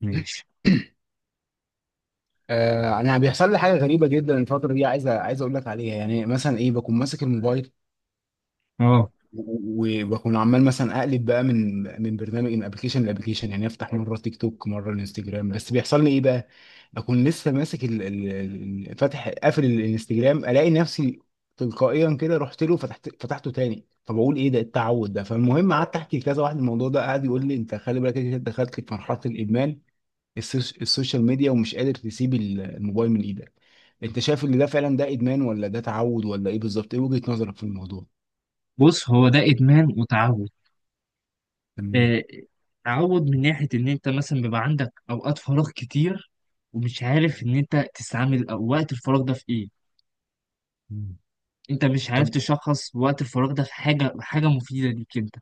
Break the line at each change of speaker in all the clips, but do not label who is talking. ماشي.
آه انا بيحصل لي حاجه غريبه جدا الفتره دي عايز اقول لك عليها. يعني مثلا ايه، بكون ماسك الموبايل
اه،
و- و- وبكون عمال مثلا اقلب بقى من برنامج من ابلكيشن لابلكيشن، يعني افتح مره تيك توك مره الانستجرام. بس بيحصل لي ايه بقى، بكون لسه ماسك فاتح قافل الانستجرام، الاقي نفسي تلقائيا كده رحت له، فتحته تاني. فبقول ايه ده، التعود ده؟ فالمهم قعدت احكي لكذا واحد الموضوع ده، قعد يقول لي انت خلي بالك، كده دخلت في مرحله الادمان، السوشيال ميديا، ومش قادر تسيب الموبايل من ايدك. انت شايف ان ده فعلا ده ادمان ولا ده تعود، ولا ايه بالظبط؟ ايه وجهة نظرك في الموضوع؟
بص، هو ده ادمان وتعود.
تمام.
آه، تعود من ناحيه ان انت مثلا بيبقى عندك اوقات فراغ كتير، ومش عارف ان انت تستعمل أو وقت الفراغ ده في ايه.
مم.
انت مش عارف
طب
تشخص وقت الفراغ ده في حاجه مفيده ليك انت.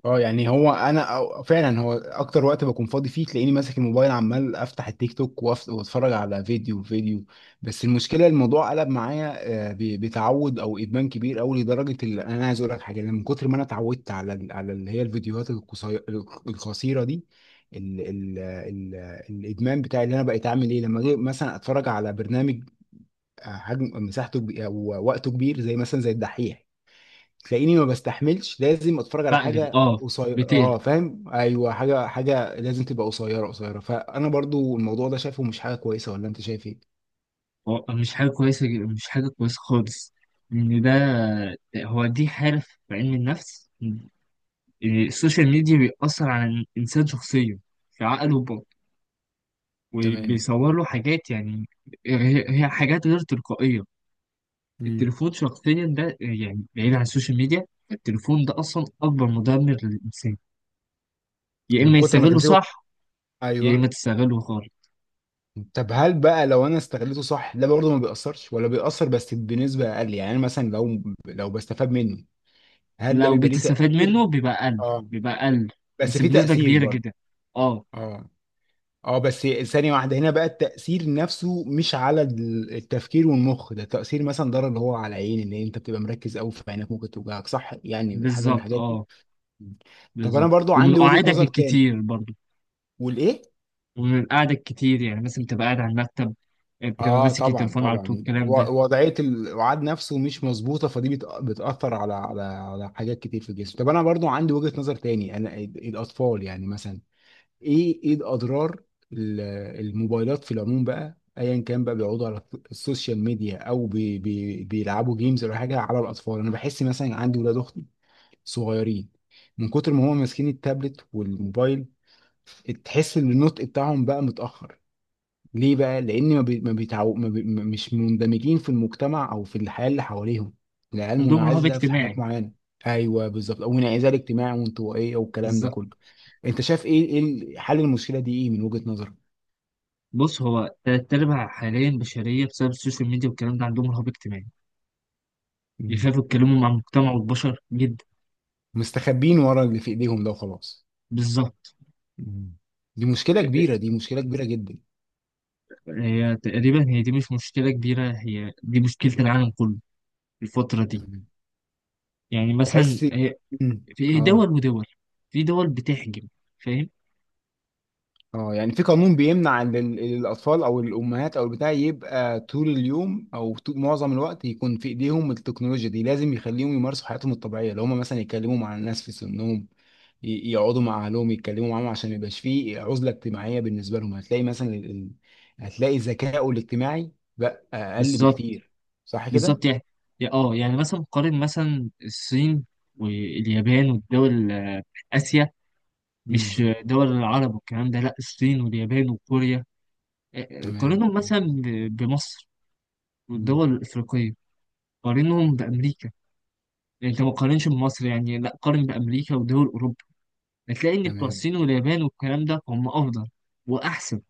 اه يعني هو انا فعلا، هو اكتر وقت بكون فاضي فيه تلاقيني ماسك الموبايل، عمال افتح التيك توك واتفرج على فيديو فيديو. بس المشكله الموضوع قلب معايا. بتعود او ادمان كبير قوي، لدرجه اللي انا عايز اقول لك حاجه، إن من كتر ما انا اتعودت على على اللي هي الفيديوهات القصيره القصيره دي، ال ال ال الادمان بتاعي اللي انا بقيت اعمل ايه لما اجي مثلا اتفرج على برنامج حجم مساحته او وقته كبير، زي مثلا زي الدحيح، تلاقيني ما بستحملش، لازم اتفرج على
بقلب،
حاجه
اه،
قصيره.
بتقلب.
اه فاهم، ايوه، حاجه حاجه لازم تبقى قصيره قصيره. فانا برضو الموضوع ده شايفه مش حاجه كويسه، ولا انت شايف ايه؟
هو مش حاجه كويسه، مش حاجه كويسه خالص. ان ده، هو دي حاله في علم النفس إن السوشيال ميديا بيأثر على الانسان شخصيا، في عقله،
تمام.
وبيصور له حاجات يعني هي حاجات غير تلقائية.
مم.
التليفون شخصيا ده يعني بعيد عن السوشيال ميديا، التليفون ده أصلا أكبر مدمر للإنسان. يا
من
إما
كتر ما
يستغله
تمسكه.
صح، يا
ايوه.
إما تستغله خالص.
طب هل بقى لو انا استغلته صح، ده برضه ما بيأثرش ولا بيأثر بس بنسبه اقل؟ يعني أنا مثلا لو بستفاد منه، هل ده
لو
بيبقى ليه
بتستفاد منه
تأثير؟
بيبقى أقل،
اه.
بيبقى أقل،
بس
بس
في
بنسبة
تأثير
كبيرة
برضه؟
جدا. أه،
اه. اه بس ثانية واحدة هنا بقى، التأثير نفسه مش على التفكير والمخ، ده تأثير مثلا ضرر اللي هو على العين، اللي انت بتبقى مركز قوي في عينك ممكن توجعك، صح؟ يعني حاجة من
بالظبط،
الحاجات دي.
أه،
طب انا
بالظبط،
برضو
ومن
عندي وجهة
قعدك
نظر تاني.
الكتير برضه.
والايه؟
ومن قعدك الكتير، يعني مثلا بتبقى قاعد على المكتب، بتبقى
اه
ماسك
طبعا
التليفون على طول،
طبعا،
الكلام ده.
وضعية الوعاد نفسه مش مظبوطة، فدي بتأثر على على حاجات كتير في الجسم. طب انا برضو عندي وجهة نظر تاني، انا الاطفال يعني مثلا، ايه الاضرار؟ ال- الموبايلات في العموم بقى، ايا كان بقى بيقعدوا على السوشيال ميديا او بي بيلعبوا جيمز، ولا حاجه. على الاطفال انا بحس، مثلا عندي ولاد اختي صغيرين، من كتر ما هم ماسكين التابلت والموبايل تحس ان النطق بتاعهم بقى متاخر. ليه بقى؟ لأن ما, بي... ما, بيتعو... ما بي... ما- مش مندمجين في المجتمع أو في الحياة اللي حواليهم. العيال
عندهم رهاب
منعزلة في حاجات
اجتماعي.
معينة. أيوه بالظبط، أو انعزال اجتماعي وانطوائية والكلام ده
بالظبط.
كله. أنت شايف إيه، إيه ال- حل المشكلة دي، إيه من وجهة نظرك؟
بص، هو تلات أرباع حاليا بشرية بسبب السوشيال ميديا والكلام ده عندهم رهاب اجتماعي،
مم.
بيخافوا يتكلموا مع المجتمع والبشر جدا.
مستخبين ورا اللي في إيديهم ده وخلاص.
بالظبط.
مم. دي مشكلة كبيرة، دي مشكلة كبيرة جدا.
هي تقريبا هي دي مش مشكلة كبيرة، هي دي مشكلة العالم كله الفترة دي.
تمام.
يعني مثلا
تحس.
هي
مم.
في دول
آه
ودول، في دول بتحجم، فاهم؟
اه يعني في قانون بيمنع ان الاطفال او الامهات او البتاع يبقى طول اليوم او طول معظم الوقت يكون في ايديهم التكنولوجيا دي، لازم يخليهم يمارسوا حياتهم الطبيعيه، لو هم مثلا يتكلموا مع الناس في سنهم، يقعدوا مع اهلهم يتكلموا معاهم عشان ما يبقاش فيه عزله اجتماعيه بالنسبه لهم. هتلاقي مثلا هتلاقي ذكائه الاجتماعي بقى اقل
بالظبط،
بكتير، صح كده؟
بالظبط. يعني اه يعني مثلا قارن مثلا الصين واليابان والدول، آه، آسيا،
امم
مش دول العرب والكلام ده، لا الصين واليابان وكوريا.
تمام.
قارنهم مثلا بمصر
امم
والدول الأفريقية. قارنهم بأمريكا. يعني أنت ما تقارنش بمصر، يعني لا، قارن بأمريكا ودول أوروبا. هتلاقي إن بتوع
تمام.
الصين واليابان والكلام ده هم أفضل وأحسن.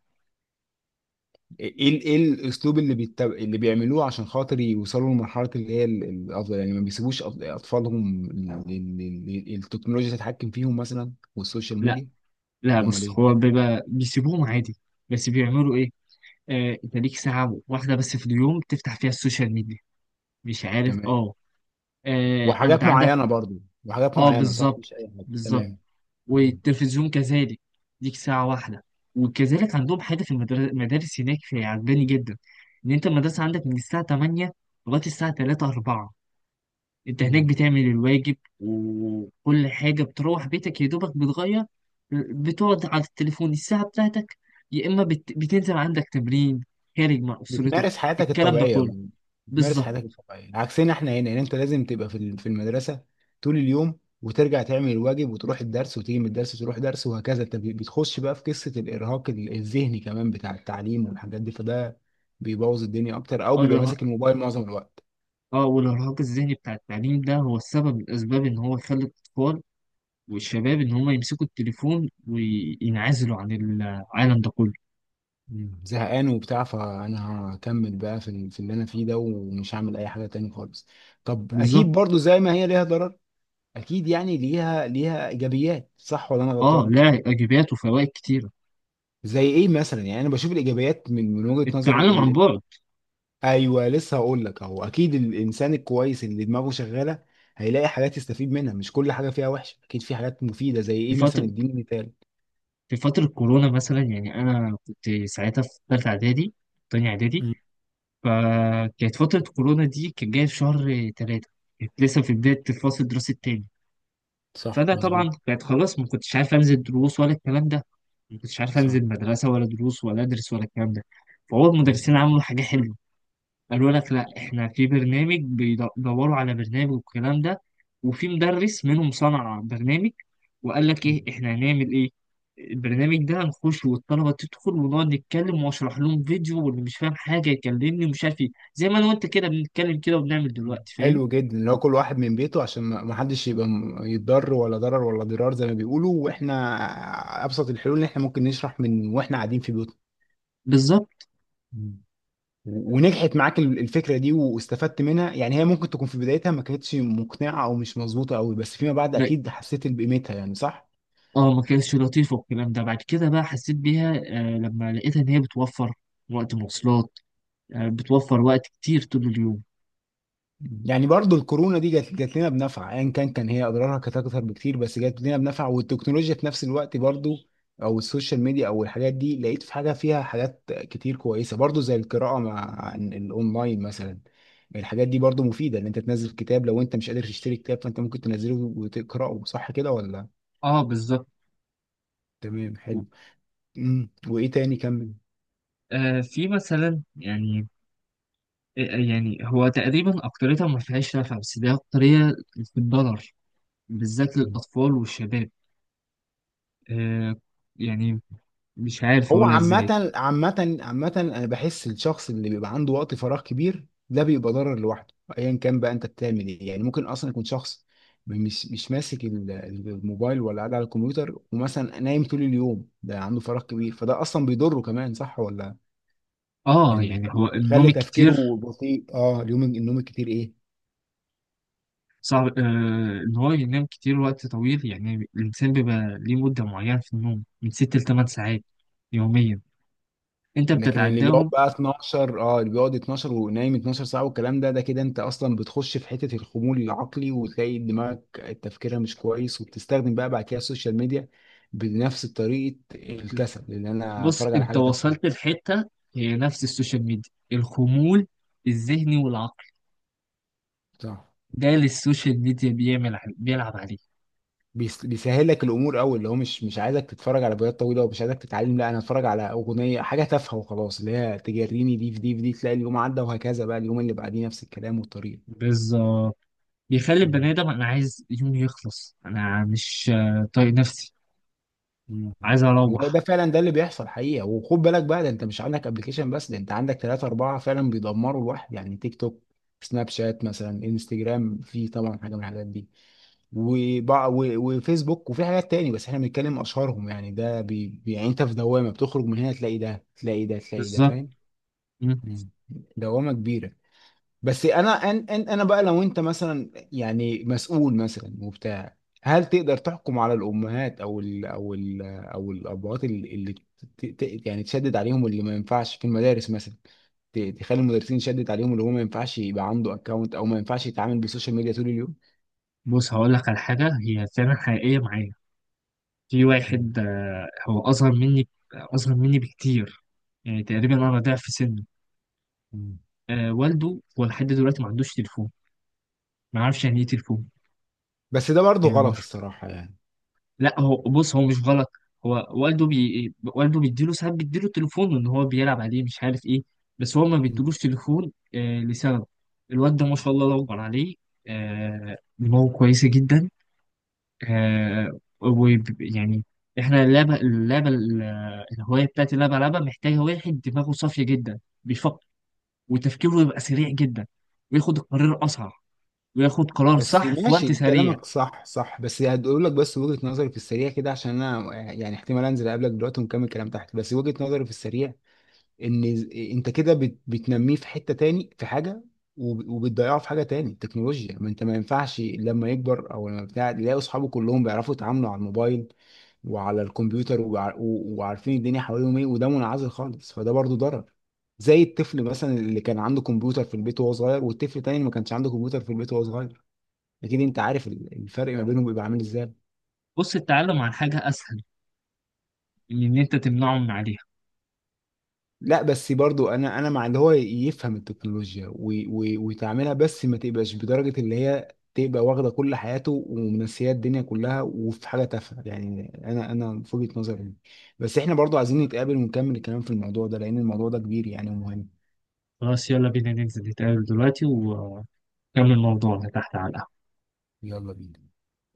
ايه الاسلوب اللي بيعملوه عشان خاطر يوصلوا لمرحله اللي هي الافضل؟ يعني ما بيسيبوش اطفالهم التكنولوجيا تتحكم فيهم مثلا والسوشيال
لا،
ميديا.
لا،
امال
بص،
ايه؟
هو بيبقى بيسيبوهم عادي. بس بيعملوا إيه؟ آه، أنت ليك ساعة واحدة بس في اليوم تفتح فيها السوشيال ميديا، مش عارف،
تمام.
أه. آه، أنت
وحاجات
عندك.
معينه برضو، وحاجات
أه
معينه صح
بالظبط،
مش اي حاجه.
بالظبط،
تمام.
والتلفزيون كذلك ليك ساعة واحدة. وكذلك عندهم حاجة في المدارس هناك في عجباني جدا، إن أنت المدرسة عندك من الساعة 8 لغاية الساعة 3 4. أنت هناك
مم.
بتعمل الواجب وكل حاجة، بتروح بيتك يا دوبك بتغير، بتقعد على التليفون الساعة بتاعتك، يا إما بتنزل عندك تمرين، خارج مع أسرتك،
بتمارس حياتك
الكلام ده
الطبيعية
كله.
بقى. بتمارس
بالظبط.
حياتك الطبيعية عكسنا احنا هنا. يعني انت لازم تبقى في في المدرسة طول اليوم، وترجع تعمل الواجب وتروح الدرس وتيجي من الدرس تروح درس، وهكذا. انت بتخش بقى في قصة الإرهاق الذهني كمان بتاع التعليم والحاجات دي، فده بيبوظ الدنيا أكتر، أو بيبقى ماسك الموبايل معظم الوقت.
اه، والإرهاق الذهني بتاع التعليم ده هو السبب من الأسباب إن هو يخلي الأطفال والشباب ان هم يمسكوا التليفون وينعزلوا عن العالم ده كله.
مم. زهقان وبتاع، فأنا هكمل بقى في في اللي أنا فيه ده، ومش هعمل أي حاجة تاني خالص. طب
بالظبط.
أكيد برضو زي ما هي ليها ضرر، أكيد يعني ليها إيجابيات، صح ولا أنا
اه،
غلطان؟
لا، ايجابيات وفوائد كتيره.
زي ايه مثلا؟ يعني انا بشوف الايجابيات من وجهة نظري
التعلم عن بعد.
ايوه لسه هقول لك اهو. اكيد الانسان الكويس اللي دماغه شغاله هيلاقي حاجات يستفيد منها، مش كل حاجه فيها وحشه، اكيد في حاجات مفيده. زي
في
ايه مثلا؟
فتره
اديني مثال.
في فتره كورونا مثلا، يعني انا كنت ساعتها في ثالثه اعدادي، تانية اعدادي.
مم.
فكانت فتره كورونا دي كانت جايه في شهر ثلاثه، كانت لسه في بدايه الفصل الدراسي التاني.
صح
فانا
مظبوط.
طبعا كانت خلاص، ما كنتش عارف انزل دروس ولا الكلام ده، ما كنتش عارف
صح.
انزل مدرسه ولا دروس ولا ادرس ولا الكلام ده. فهو
مم.
المدرسين عملوا حاجه حلوه، قالوا لك لا احنا في برنامج، بيدوروا على برنامج والكلام ده. وفي مدرس منهم صنع برنامج، وقال لك ايه
مم.
احنا هنعمل ايه. البرنامج ده هنخش والطلبه تدخل ونقعد نتكلم واشرح لهم فيديو، واللي مش فاهم حاجه يكلمني ومش عارف ايه، زي ما انا وانت كده بنتكلم كده وبنعمل
مم.
دلوقتي، فاهم.
حلو جدا، اللي هو كل واحد من بيته عشان ما حدش يبقى يتضر، ولا ضرر ولا ضرار زي ما بيقولوا، واحنا ابسط الحلول اللي احنا ممكن نشرح من واحنا قاعدين في
بالظبط.
بيوتنا. ونجحت معاك الفكره دي واستفدت منها يعني، هي ممكن تكون في بدايتها ما كانتش مقنعه او مش مظبوطه قوي، بس فيما بعد
ما-
اكيد حسيت بقيمتها، يعني صح.
اه، ما كانتش لطيفه والكلام ده، بعد كده بقى حسيت بيها، آه، لما لقيتها ان هي بتوفر وقت مواصلات، آه، بتوفر وقت كتير طول اليوم.
يعني برضو الكورونا دي جت لنا بنفع، ايا كان هي اضرارها كانت اكتر بكتير، بس جت لنا بنفع. والتكنولوجيا في نفس الوقت برضو، او السوشيال ميديا او الحاجات دي لقيت في حاجه، فيها حاجات كتير كويسه برضو، زي القراءه مع الاونلاين مثلا. الحاجات دي برضو مفيده، ان انت تنزل كتاب لو انت مش قادر تشتري كتاب، فانت ممكن تنزله وتقراه، صح كده ولا؟
اه، بالظبط.
تمام حلو. مم. وايه تاني، كمل.
آه، في مثلا يعني، آه، يعني هو تقريبا أكتريتها ما فيهاش نفع، بس دي أكترية في الضرر، بالذات
مم.
للأطفال والشباب. آه، يعني، مش عارف
هو
أقولها إزاي.
عامة انا بحس الشخص اللي بيبقى عنده وقت فراغ كبير ده بيبقى ضرر لوحده، ايا كان بقى انت بتعمل ايه. يعني ممكن اصلا يكون شخص مش ماسك الموبايل ولا قاعد على الكمبيوتر، ومثلا نايم طول اليوم، ده عنده فراغ كبير فده اصلا بيضره كمان، صح ولا؟
آه،
يعني
يعني
بيخلي
هو النوم
بيخلي تفكيره
الكتير
بطيء. اه اليوم النوم الكتير ايه.
صعب، آه، إن هو ينام كتير وقت طويل. يعني الإنسان بيبقى ليه مدة معينة في النوم، من ست لتمن ساعات يوميا، أنت
لكن اللي بيقعد
بتتعداهم.
بقى 12، اللي بيقعد 12 ونايم 12 ساعة والكلام ده، كده انت اصلا بتخش في حتة الخمول العقلي، وتلاقي دماغك تفكيرها مش كويس، وبتستخدم بقى بعد كده السوشيال ميديا بنفس طريقة الكسل، اللي انا
بص،
اتفرج على
أنت
حاجة
وصلت
تافهة.
لحتة، هي نفس السوشيال ميديا، الخمول الذهني والعقلي
صح.
جاي للسوشيال ميديا، بيعمل بيلعب عليه.
بيسهل لك الامور قوي، اللي هو مش عايزك تتفرج على فيديوهات طويلة ومش عايزك تتعلم، لا انا اتفرج على اغنية حاجة تافهة وخلاص، اللي هي تجريني دي في دي في دي، تلاقي اليوم عدى، وهكذا بقى اليوم اللي بعديه نفس الكلام والطريقة.
بالظبط. بيخلي
مم.
البني ادم انا عايز يومي يخلص، انا مش، آه، طايق نفسي،
مم.
عايز اروح.
وده فعلا ده اللي بيحصل حقيقة. وخد بالك بقى ده انت مش عندك ابلكيشن بس، ده انت عندك ثلاثة أربعة فعلا بيدمروا الواحد، يعني تيك توك، سناب شات مثلا، انستجرام، في طبعا حاجة من الحاجات دي، وفيسبوك، وفي حاجات تاني بس احنا بنتكلم أشهرهم. يعني ده يعني انت في دوامة، بتخرج من هنا تلاقي ده، تلاقي ده، تلاقي ده،
بالظبط.
فاهم؟
مم.
مم. دوامة كبيرة. بس انا أن أن انا بقى لو انت مثلا يعني مسؤول مثلا وبتاع، هل تقدر تحكم على الامهات او ال او ال او الابهات اللي يعني تشدد عليهم اللي ما ينفعش، في المدارس مثلا تخلي المدرسين يشدد عليهم اللي هو ما ينفعش يبقى عنده اكونت، او ما ينفعش يتعامل بالسوشيال ميديا طول اليوم؟
بص، هقول لك على حاجه هي فعلا حقيقيه معايا. في
مم.
واحد، آه، هو اصغر مني، اصغر مني بكتير، يعني تقريبا انا ضعف سنه.
مم.
آه، والده هو لحد دلوقتي ما عندوش تليفون، ما عارفش يعني ايه تليفون.
بس ده برضه
يعني ما،
غلط الصراحة يعني.
لا هو بص هو مش غلط. هو والده والده بيديله ساعات، بيديله تليفون ان هو بيلعب عليه، مش عارف ايه. بس هو ما
مم.
بيديلوش تليفون، آه، لسبب. الواد ده، ما شاء الله، الله اكبر عليه، آه، دماغه كويسه جدا. آه، يعني احنا اللعبه، اللعبه، الهوايه بتاعت اللعبه، لعبه محتاجه واحد دماغه صافيه جدا، بيفكر، وتفكيره يبقى سريع جدا، وياخد القرار اسرع، وياخد قرار
بس
صح في وقت
ماشي
سريع.
كلامك صح صح. بس هقول لك، بس وجهة نظري في السريع كده، عشان انا يعني احتمال انزل اقابلك دلوقتي ونكمل كلام تحت. بس وجهة نظري في السريع، ان انت كده بتنميه في حته تاني في حاجه، وبتضيعه في حاجه تاني التكنولوجيا. ما انت ما ينفعش لما يكبر او لما بتاع تلاقي اصحابه كلهم بيعرفوا يتعاملوا على الموبايل وعلى الكمبيوتر، وعارفين الدنيا حواليهم ايه، وده منعزل خالص، فده برضو ضرر. زي الطفل مثلا اللي كان عنده كمبيوتر في البيت وهو صغير، والطفل تاني اللي ما كانش عنده كمبيوتر في البيت وهو صغير، اكيد انت عارف الفرق ما بينهم بيبقى عامل ازاي.
بص، التعلم عن حاجه اسهل من ان انت تمنعه من عليها.
لا بس برضو انا مع اللي هو يفهم التكنولوجيا ويتعاملها، بس ما تبقاش بدرجة اللي هي تبقى واخدة كل حياته ومنسية الدنيا كلها وفي حاجة تافهة، يعني انا في وجهة نظري دي. بس احنا برضو عايزين نتقابل ونكمل الكلام في الموضوع ده، لان الموضوع ده كبير يعني ومهم.
خلاص، يلا بينا ننزل نتقابل دلوقتي ونكمل موضوعنا تحت على القهوة.
يلا بينا.